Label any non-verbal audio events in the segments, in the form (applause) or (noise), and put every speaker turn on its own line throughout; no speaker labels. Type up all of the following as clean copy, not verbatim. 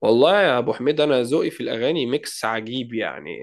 والله يا ابو حميد، انا ذوقي في الاغاني ميكس عجيب، يعني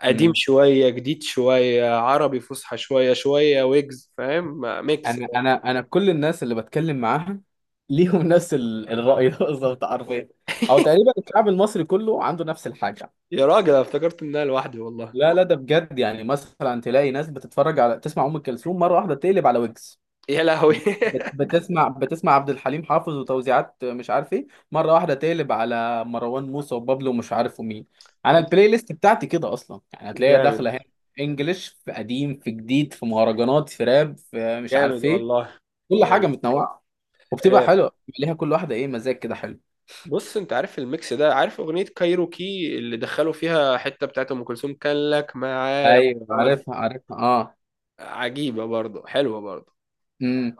قديم
مم.
شويه، جديد شويه، عربي فصحى شويه، شويه ويجز. فاهم؟ ميكس
انا
كده.
انا انا كل الناس اللي بتكلم معاها ليهم (laughs) نفس الرأي ده بالظبط حرفيا، او
(laughs)
تقريبا الشعب المصري كله عنده نفس الحاجة.
يا راجل، أنا افتكرت ان انا لوحدي والله.
لا، لا، ده بجد، يعني مثلا تلاقي ناس بتتفرج على تسمع ام كلثوم مرة واحدة تقلب على ويجز،
يا لهوي.
بتسمع عبد الحليم حافظ وتوزيعات مش عارف ايه، مرة واحدة تقلب على مروان موسى وبابلو ومش عارف مين. انا البلاي
(laughs)
ليست بتاعتي كده اصلا، يعني هتلاقيها
جامد.
داخلة هنا انجلش، في قديم، في جديد، في مهرجانات، في راب، في مش
جامد
عارف ايه،
والله.
كل حاجة
جامد.
متنوعة، وبتبقى
آه،
حلوه، بيبقى ليها كل واحده ايه مزاج كده حلو.
بص، انت عارف الميكس ده؟ عارف اغنيه كايروكي اللي دخلوا فيها حته بتاعت ام كلثوم كان لك معايا؟
ايوه،
وز-
عارفها عارفها، اه.
عجيبه برضه، حلوه برضه.
امم.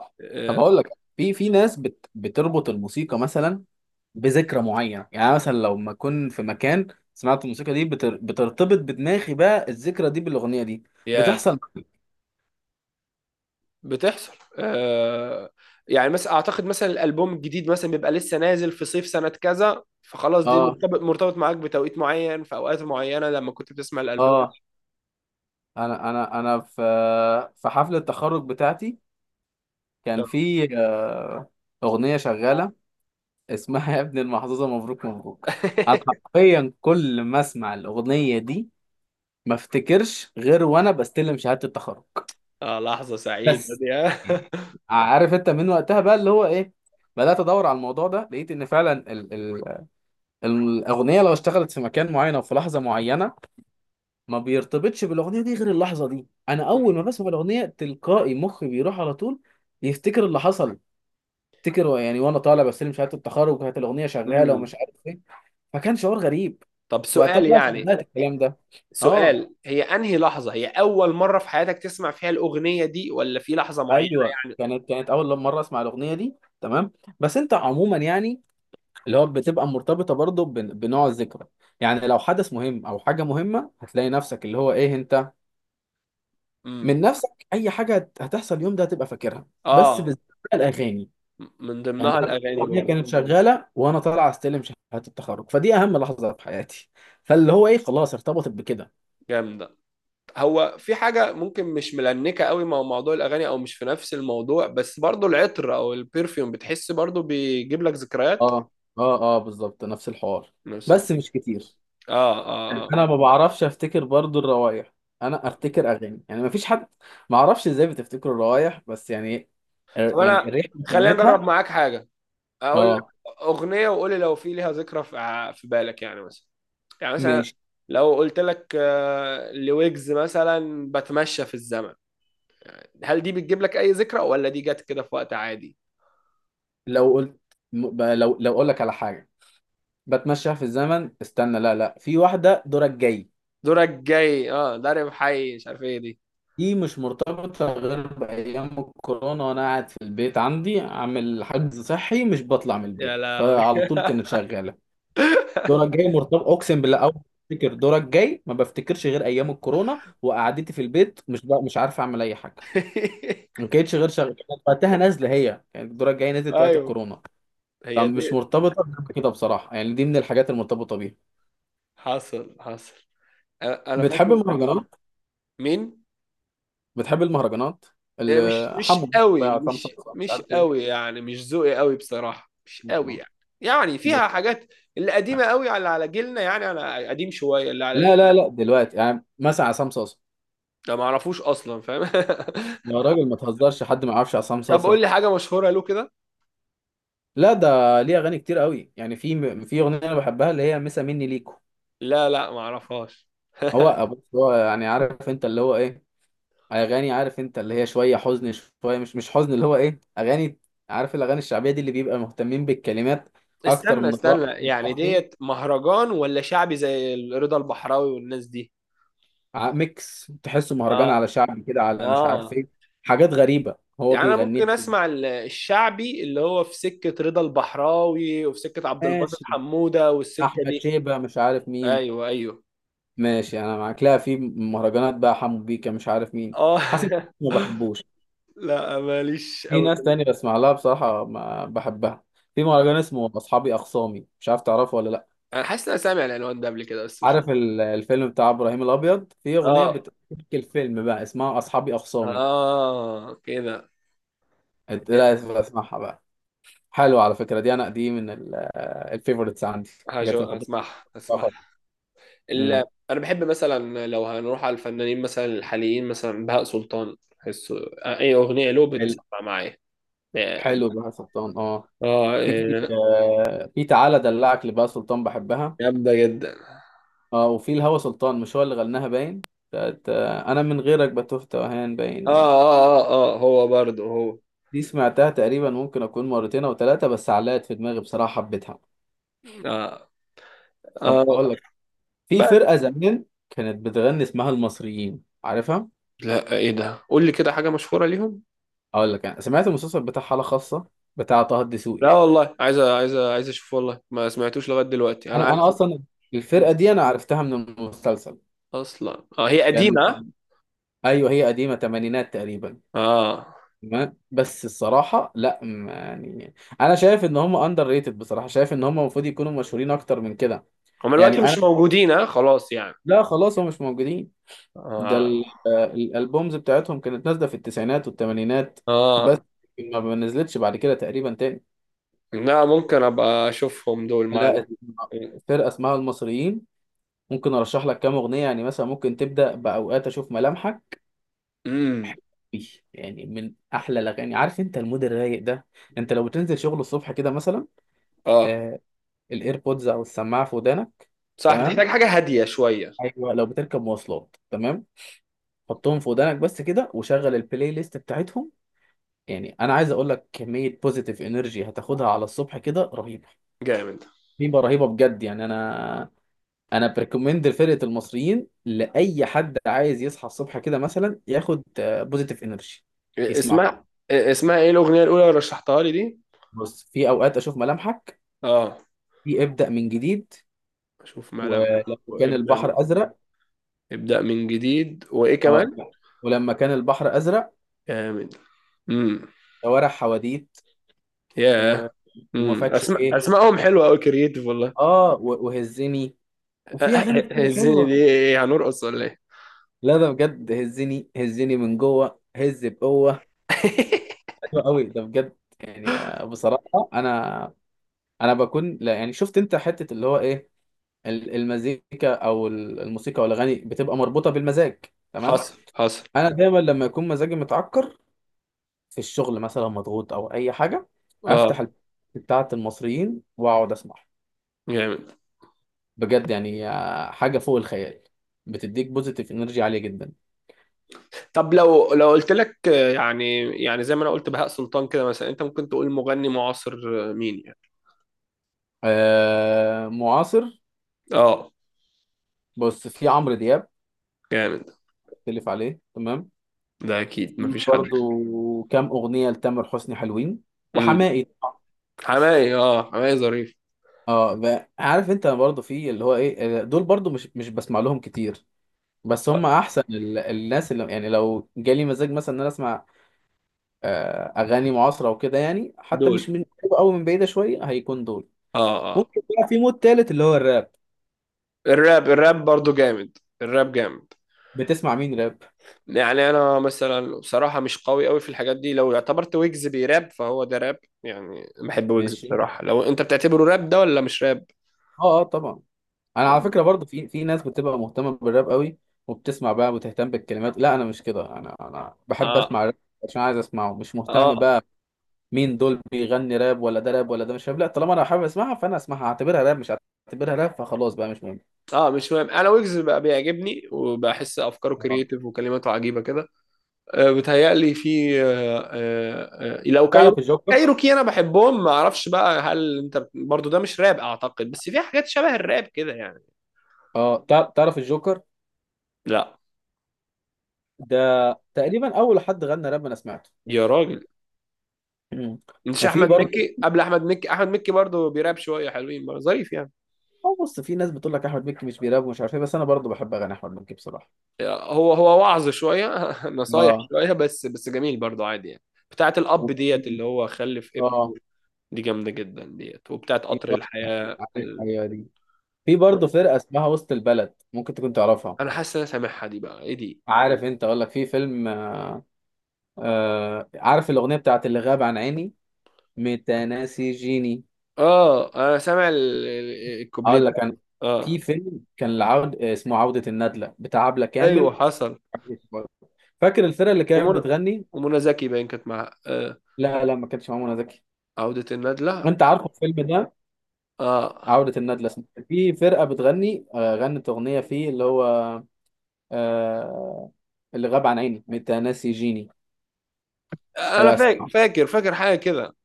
طب
آه.
اقول لك، في ناس بتربط الموسيقى مثلا بذكرى معينه. يعني أنا مثلا لو ما اكون في مكان سمعت الموسيقى دي، بترتبط بدماغي بقى الذكرى دي بالاغنيه دي.
يا
بتحصل معايا.
بتحصل، آه. يعني مثلا اعتقد مثلا الالبوم الجديد مثلا بيبقى لسه نازل في صيف سنة كذا، فخلاص دي
اه،
مرتبط، مرتبط معاك بتوقيت معين في اوقات معينة لما كنت بتسمع الالبوم.
اه، انا في في حفله التخرج بتاعتي كان في اغنيه شغاله اسمها (laughs) يا ابن المحظوظه مبروك مبروك. انا
(laughs)
حرفيا كل ما اسمع الاغنيه دي ما افتكرش غير وانا بستلم شهاده التخرج.
اه، لحظة سعيدة (laughs)
بس
دي، ها؟
يعني عارف انت من وقتها بقى اللي هو ايه، بدات ادور على الموضوع ده، لقيت ان فعلا ال الاغنيه لو اشتغلت في مكان معين او في لحظه معينه ما بيرتبطش بالاغنيه دي غير اللحظه دي. انا اول ما بسمع الاغنيه تلقائي مخي بيروح على طول يفتكر اللي حصل. افتكر يعني وانا طالع بستلم شهاده التخرج وكانت الاغنيه شغاله
مم.
ومش عارف ايه. فكان شعور غريب.
طب
وقتها
سؤال
بقى
يعني
صدقت الكلام ده. اه،
سؤال هي انهي لحظة، هي اول مرة في حياتك تسمع فيها الاغنية دي، ولا في لحظة معينة؟
ايوه،
يعني.
كانت اول مره اسمع الاغنيه دي، تمام. بس انت عموما يعني اللي هو بتبقى مرتبطه برضه بنوع الذكرى. يعني لو حدث مهم او حاجه مهمه هتلاقي نفسك اللي هو ايه، انت
امم
من نفسك اي حاجه هتحصل اليوم ده هتبقى فاكرها، بس
اه،
بالذات بقى الاغاني.
من
يعني
ضمنها
انا
الاغاني
الاغنيه
برضه.
كانت شغاله وانا طالع استلم شهاده التخرج، فدي اهم لحظه في حياتي، فاللي هو ايه خلاص ارتبطت بكده.
جامدة. هو في حاجة ممكن مش ملنكة قوي مع موضوع الأغاني، أو مش في نفس الموضوع، بس برضو العطر أو البرفيوم بتحس برضو بيجيب لك ذكريات؟
اه، اه، اه، بالظبط نفس الحوار،
نفس
بس
الفكرة.
مش كتير.
آه آه آه.
انا ما بعرفش افتكر برضو الروايح، انا افتكر اغاني يعني، ما فيش حد. ما اعرفش ازاي بتفتكر الروايح، بس يعني
طب
يعني
أنا،
الريحه
خلينا أجرب
شمتها.
معاك حاجة. أقول لك
اه،
أغنية، وقولي لو في ليها ذكرى في بالك، يعني مثلا
ماشي.
لو قلت لك لويجز مثلا بتمشى في الزمن، هل دي بتجيب لك أي ذكرى، ولا دي جت كده في وقت عادي؟
لو قلت لو اقول لك على حاجه بتمشى في الزمن، استنى، لا، لا، في واحده دورك جاي.
دورك جاي، اه، ضارب حي، مش عارف ايه دي.
دي مش مرتبطه غير بايام الكورونا وانا قاعد في البيت عندي عامل حجز صحي مش بطلع من
يا
البيت،
لهوي. (laughs)
فعلى طول كانت شغاله. دورك جاي مرتبط، اقسم بالله اول ما افتكر دورك جاي ما بفتكرش غير ايام الكورونا وقعدتي في البيت، مش بقى مش عارف اعمل اي حاجه، ما
(laughs)
كانتش غير شغاله، كانت وقتها نازله، هي كانت دورك جاي نزلت وقت
ايوه،
الكورونا.
هي
فمش
دي.
مرتبطه غير كده بصراحه، يعني دي من الحاجات المرتبطه بيها.
حصل حصل. أنا
بتحب
فاكر
المهرجانات؟
مين؟
بتحب المهرجانات
إيه،
اللي
مش
حمو بيكا بقى،
قوي،
عصام
مش
صاصا، مش
مش
عارف
قوي،
ايه؟
يعني مش ذوقي قوي بصراحة، مش قوي يعني. يعني فيها حاجات، اللي قديمة قوي على جيلنا يعني، على قديم شوية اللي على جيل.
لا، لا، لا، دلوقتي يعني مثلا عصام صاصا،
ده ما اعرفوش اصلا، فاهم؟
يا راجل ما تهزرش، حد ما يعرفش عصام
(laughs) طب قول
صاصا؟
لي حاجة مشهورة له كده.
لا، ده ليه اغاني كتير قوي، يعني في اغنيه انا بحبها اللي هي مسا مني ليكو.
لا لا، ما اعرفهاش.
هو بص هو يعني عارف انت اللي هو ايه اغاني، عارف انت اللي هي شويه حزن، شويه مش حزن اللي هو ايه اغاني، عارف الاغاني الشعبيه دي اللي بيبقى مهتمين بالكلمات اكتر
استنى
من الرقص
استنى،
مش
يعني
عارف ايه.
ديت مهرجان ولا شعبي زي رضا البحراوي والناس دي؟
ميكس تحسه مهرجان
اه.
على شعبي كده، على مش عارف
اه.
ايه، حاجات غريبه، هو
يعني انا
بيغنيها
ممكن
كده.
اسمع الشعبي اللي هو في سكة رضا البحراوي وفي سكة عبد الباسط
ماشي،
حمودة والسكة
احمد
دي.
شيبه مش عارف مين.
ايوه ايوه.
ماشي، انا معاك، لا، في مهرجانات بقى حمو بيكا مش عارف مين،
اه.
حسن،
(laughs)
ما بحبوش.
لا، ماليش
في
قوي.
ناس تانية بسمع لها بصراحة ما بحبها. في مهرجان اسمه أصحابي أخصامي، مش عارف تعرفه ولا لأ.
انا حاسس ان انا سامع العنوان ده قبل كده بس مش.
عارف الفيلم بتاع إبراهيم الأبيض؟ في أغنية
اه.
بتحكي الفيلم بقى اسمها أصحابي أخصامي.
اه كده.
لا، اسمعها بقى، حلوة على فكرة دي، أنا دي من الفيفوريتس عندي، حاجات المفضلة
هسمعها،
بصراحة.
هسمعها.
امم.
ال... انا بحب مثلا لو هنروح على الفنانين مثلا الحاليين مثلا بهاء سلطان، بحسه اي اغنيه له
حل-
بتسمع معايا. اه.
حلو بقى سلطان، اه.
آه،
في في تعالى دلعك لبقى سلطان، بحبها.
جامده جدا.
اه، وفي الهوى سلطان مش هو اللي غناها باين، بتاعت، انا من غيرك بتوه توهان باين.
اه اه اه اه، هو برضه، هو.
دي سمعتها تقريبا ممكن اكون مرتين او ثلاثه، بس علقت في دماغي بصراحه، حبيتها.
اه
طب
اه،
اقول لك، في
بس.
فرقه زمان كانت بتغني اسمها المصريين، عارفها؟
لا، ايه ده؟ قول لي كده حاجة مشهورة ليهم.
اقول لك، انا سمعت المسلسل بتاع حاله خاصه بتاع طه
لا
الدسوقي.
والله، عايز عايز عايز اشوف والله، ما سمعتوش لغاية دلوقتي، انا
انا
عارف.
انا اصلا
م.
الفرقه دي انا عرفتها من المسلسل.
اصلا اه، هي
كان،
قديمة.
ايوه، هي قديمه تمانينات تقريبا.
اه.
تمام، بس الصراحه لا يعني انا شايف ان هم اندر ريتد، بصراحه شايف ان هم المفروض يكونوا مشهورين اكتر من كده.
هم دلوقتي
يعني
مش
انا،
موجودين، اه، خلاص يعني.
لا، خلاص هم مش موجودين، ده
اه.
الالبومز بتاعتهم كانت نازله في التسعينات والثمانينات، بس
اه
ما نزلتش بعد كده تقريبا تاني.
لا، ممكن ابقى اشوفهم دول
لا، فرقه اسمها المصريين، ممكن ارشح لك كام اغنيه. يعني مثلا ممكن تبدا باوقات اشوف ملامحك،
امم
إيه، يعني من احلى الاغاني. عارف انت المود الرايق ده؟ انت لو بتنزل شغل الصبح كده مثلا،
اه،
آه الايربودز او السماعه في ودانك،
صح،
تمام،
بتحتاج حاجة هادية شوية.
ايوه لو بتركب مواصلات، تمام، حطهم في ودانك بس كده وشغل البلاي ليست بتاعتهم. يعني انا عايز اقول لك كميه بوزيتيف انرجي هتاخدها على الصبح كده رهيبه.
جامد.
رهيبه، رهيبه بجد يعني، انا انا بريكومند لفرقه المصريين لاي حد عايز يصحى الصبح كده مثلا ياخد بوزيتيف انرجي يسمعه.
اسمها اسمها ايه الأغنية الأولى اللي رشحتها لي دي؟
بص، في اوقات اشوف ملامحك،
اه.
في ابدا من جديد،
اشوف
ولما
ملامح،
كان
وابدا من
البحر ازرق.
ابدا من جديد. وايه
اه،
كمان؟
ولما كان البحر ازرق،
كامل. امم
شوارع حواديت،
ياه.
و... وما فاتش
اسماء
ايه،
اسمائهم حلوه قوي، كرييتيف والله.
اه، وهزني، وفي اغاني
(laughs)
كتير
الزينه دي،
حلوه.
ايه، هنرقص ولا ايه؟
لا، ده بجد هزني هزني من جوه، هز بقوه،
(laughs)
حلو قوي ده بجد يعني بصراحه انا، انا بكون، لا يعني، شفت انت حته اللي هو ايه المزيكا او الموسيقى او الاغاني بتبقى مربوطه بالمزاج، تمام.
حصل حصل.
انا دايما لما يكون مزاجي متعكر في الشغل مثلا مضغوط او اي حاجه
اه
افتح بتاعه المصريين واقعد اسمع.
جامد.
بجد يعني حاجه فوق الخيال، بتديك بوزيتيف انرجي عاليه جدا.
طب، لو قلت لك يعني زي ما انا قلت بهاء سلطان كده مثلا، انت ممكن تقول مغني معاصر مين يعني؟
معاصر؟
اه
بص، في عمرو دياب،
جامد.
تلف عليه، تمام.
ده اكيد مفيش حد.
برضو كام اغنيه لتامر حسني حلوين،
امم
وحماقي طبعاً.
حماقي، اه، حماقي ظريف.
اه، عارف انت برضو في اللي هو ايه، دول برضو مش بسمع لهم كتير، بس هم
آه،
احسن الناس اللي، يعني لو جالي مزاج مثلا ان انا اسمع اغاني معاصره وكده، يعني حتى مش
دول،
من قريبة أوي، من بعيده شويه، هيكون دول.
اه اه آه.
ممكن بقى في مود تالت اللي هو الراب.
الراب، الراب برضو جامد، الراب جامد.
بتسمع مين راب؟
يعني انا مثلا بصراحه مش قوي قوي في الحاجات دي. لو اعتبرت ويجز بيراب، فهو ده راب. يعني بحب ويجز
ماشي،
بصراحه. لو انت بتعتبره راب ده ولا مش راب؟
اه، اه، طبعا. انا على فكره برضو في ناس بتبقى مهتمه بالراب قوي وبتسمع بقى وتهتم بالكلمات. لا، انا مش كده، انا بحب
اه
اسمع راب عشان عايز اسمعه، مش مهتم
اه
بقى مين دول بيغني راب ولا ده راب ولا ده مش راب، لا طالما انا حابب اسمعها فانا اسمعها، اعتبرها راب مش اعتبرها راب فخلاص بقى مش مهم.
اه. مش مهم. انا ويجز بقى بيعجبني، وبحس افكاره
آه.
كرييتيف وكلماته عجيبه كده. آه، بتهيألي في لو كايرو،
تعرف الجوكر؟
كايروكي، انا بحبهم، ما اعرفش بقى هل انت برضو. ده مش راب اعتقد، بس في حاجات شبه الراب كده يعني.
اه، تعرف الجوكر؟
لا،
ده تقريبا اول حد غنى راب انا سمعته.
يا راجل،
(clears throat) مم.
مش
وفي
احمد
برضه،
مكي؟ قبل احمد مكي، احمد مكي برضه بيراب، شويه حلوين برضه، ظريف يعني.
اه، بص في ناس بتقول لك احمد مكي مش بيراب ومش عارف ايه، بس انا برضه بحب اغاني احمد مكي بصراحه.
هو وعظ شويه (laughs) نصايح
اه،
شويه، بس بس جميل برضه، عادي يعني. بتاعت الاب ديت
وفي-
اللي هو خلف ابنه
اه،
دي جامده جدا، ديت، وبتاعت
في،
قطر الحياه
عارف،
ال-
ايوه دي. في برضه فرقه اسمها وسط البلد، ممكن تكون تعرفها؟
انا حاسس إن انا سامعها دي، بقى ايه دي؟
عارف انت، اقول لك، في فيلم، عارف الاغنيه بتاعت اللي غاب عن عيني متناسي جيني؟
اه، انا سامع الكوبليه
اقول
ده.
لك، انا
اه
في فيلم كان العود اسمه عوده الندله بتاع عبله
ايوه
كامل،
حصل.
فاكر الفرقه اللي كانت
ومنى
بتغني؟
ومنى زكي باين كانت مع.
لا، لا، ما كانتش مع منى زكي.
عودة الندلة.
انت عارفه الفيلم ده،
اه،
عودة الندلة اسمه. في فرقة بتغني غنت أغنية فيه اللي هو آه اللي غاب عن عيني متناسي جيني.
انا
ابقى
فاكر
اسمعهم،
فاكر فاكر حاجه كده.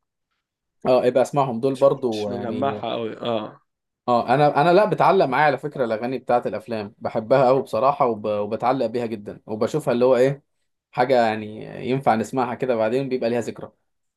اه، ابقى اسمعهم دول
مش
برضو يعني.
مجمعها قوي، اه.
اه، انا لا بتعلق معايا على فكره الاغاني بتاعت الافلام بحبها قوي بصراحه، وبتعلق بيها جدا وبشوفها اللي هو ايه حاجه يعني ينفع نسمعها كده بعدين بيبقى ليها ذكرى.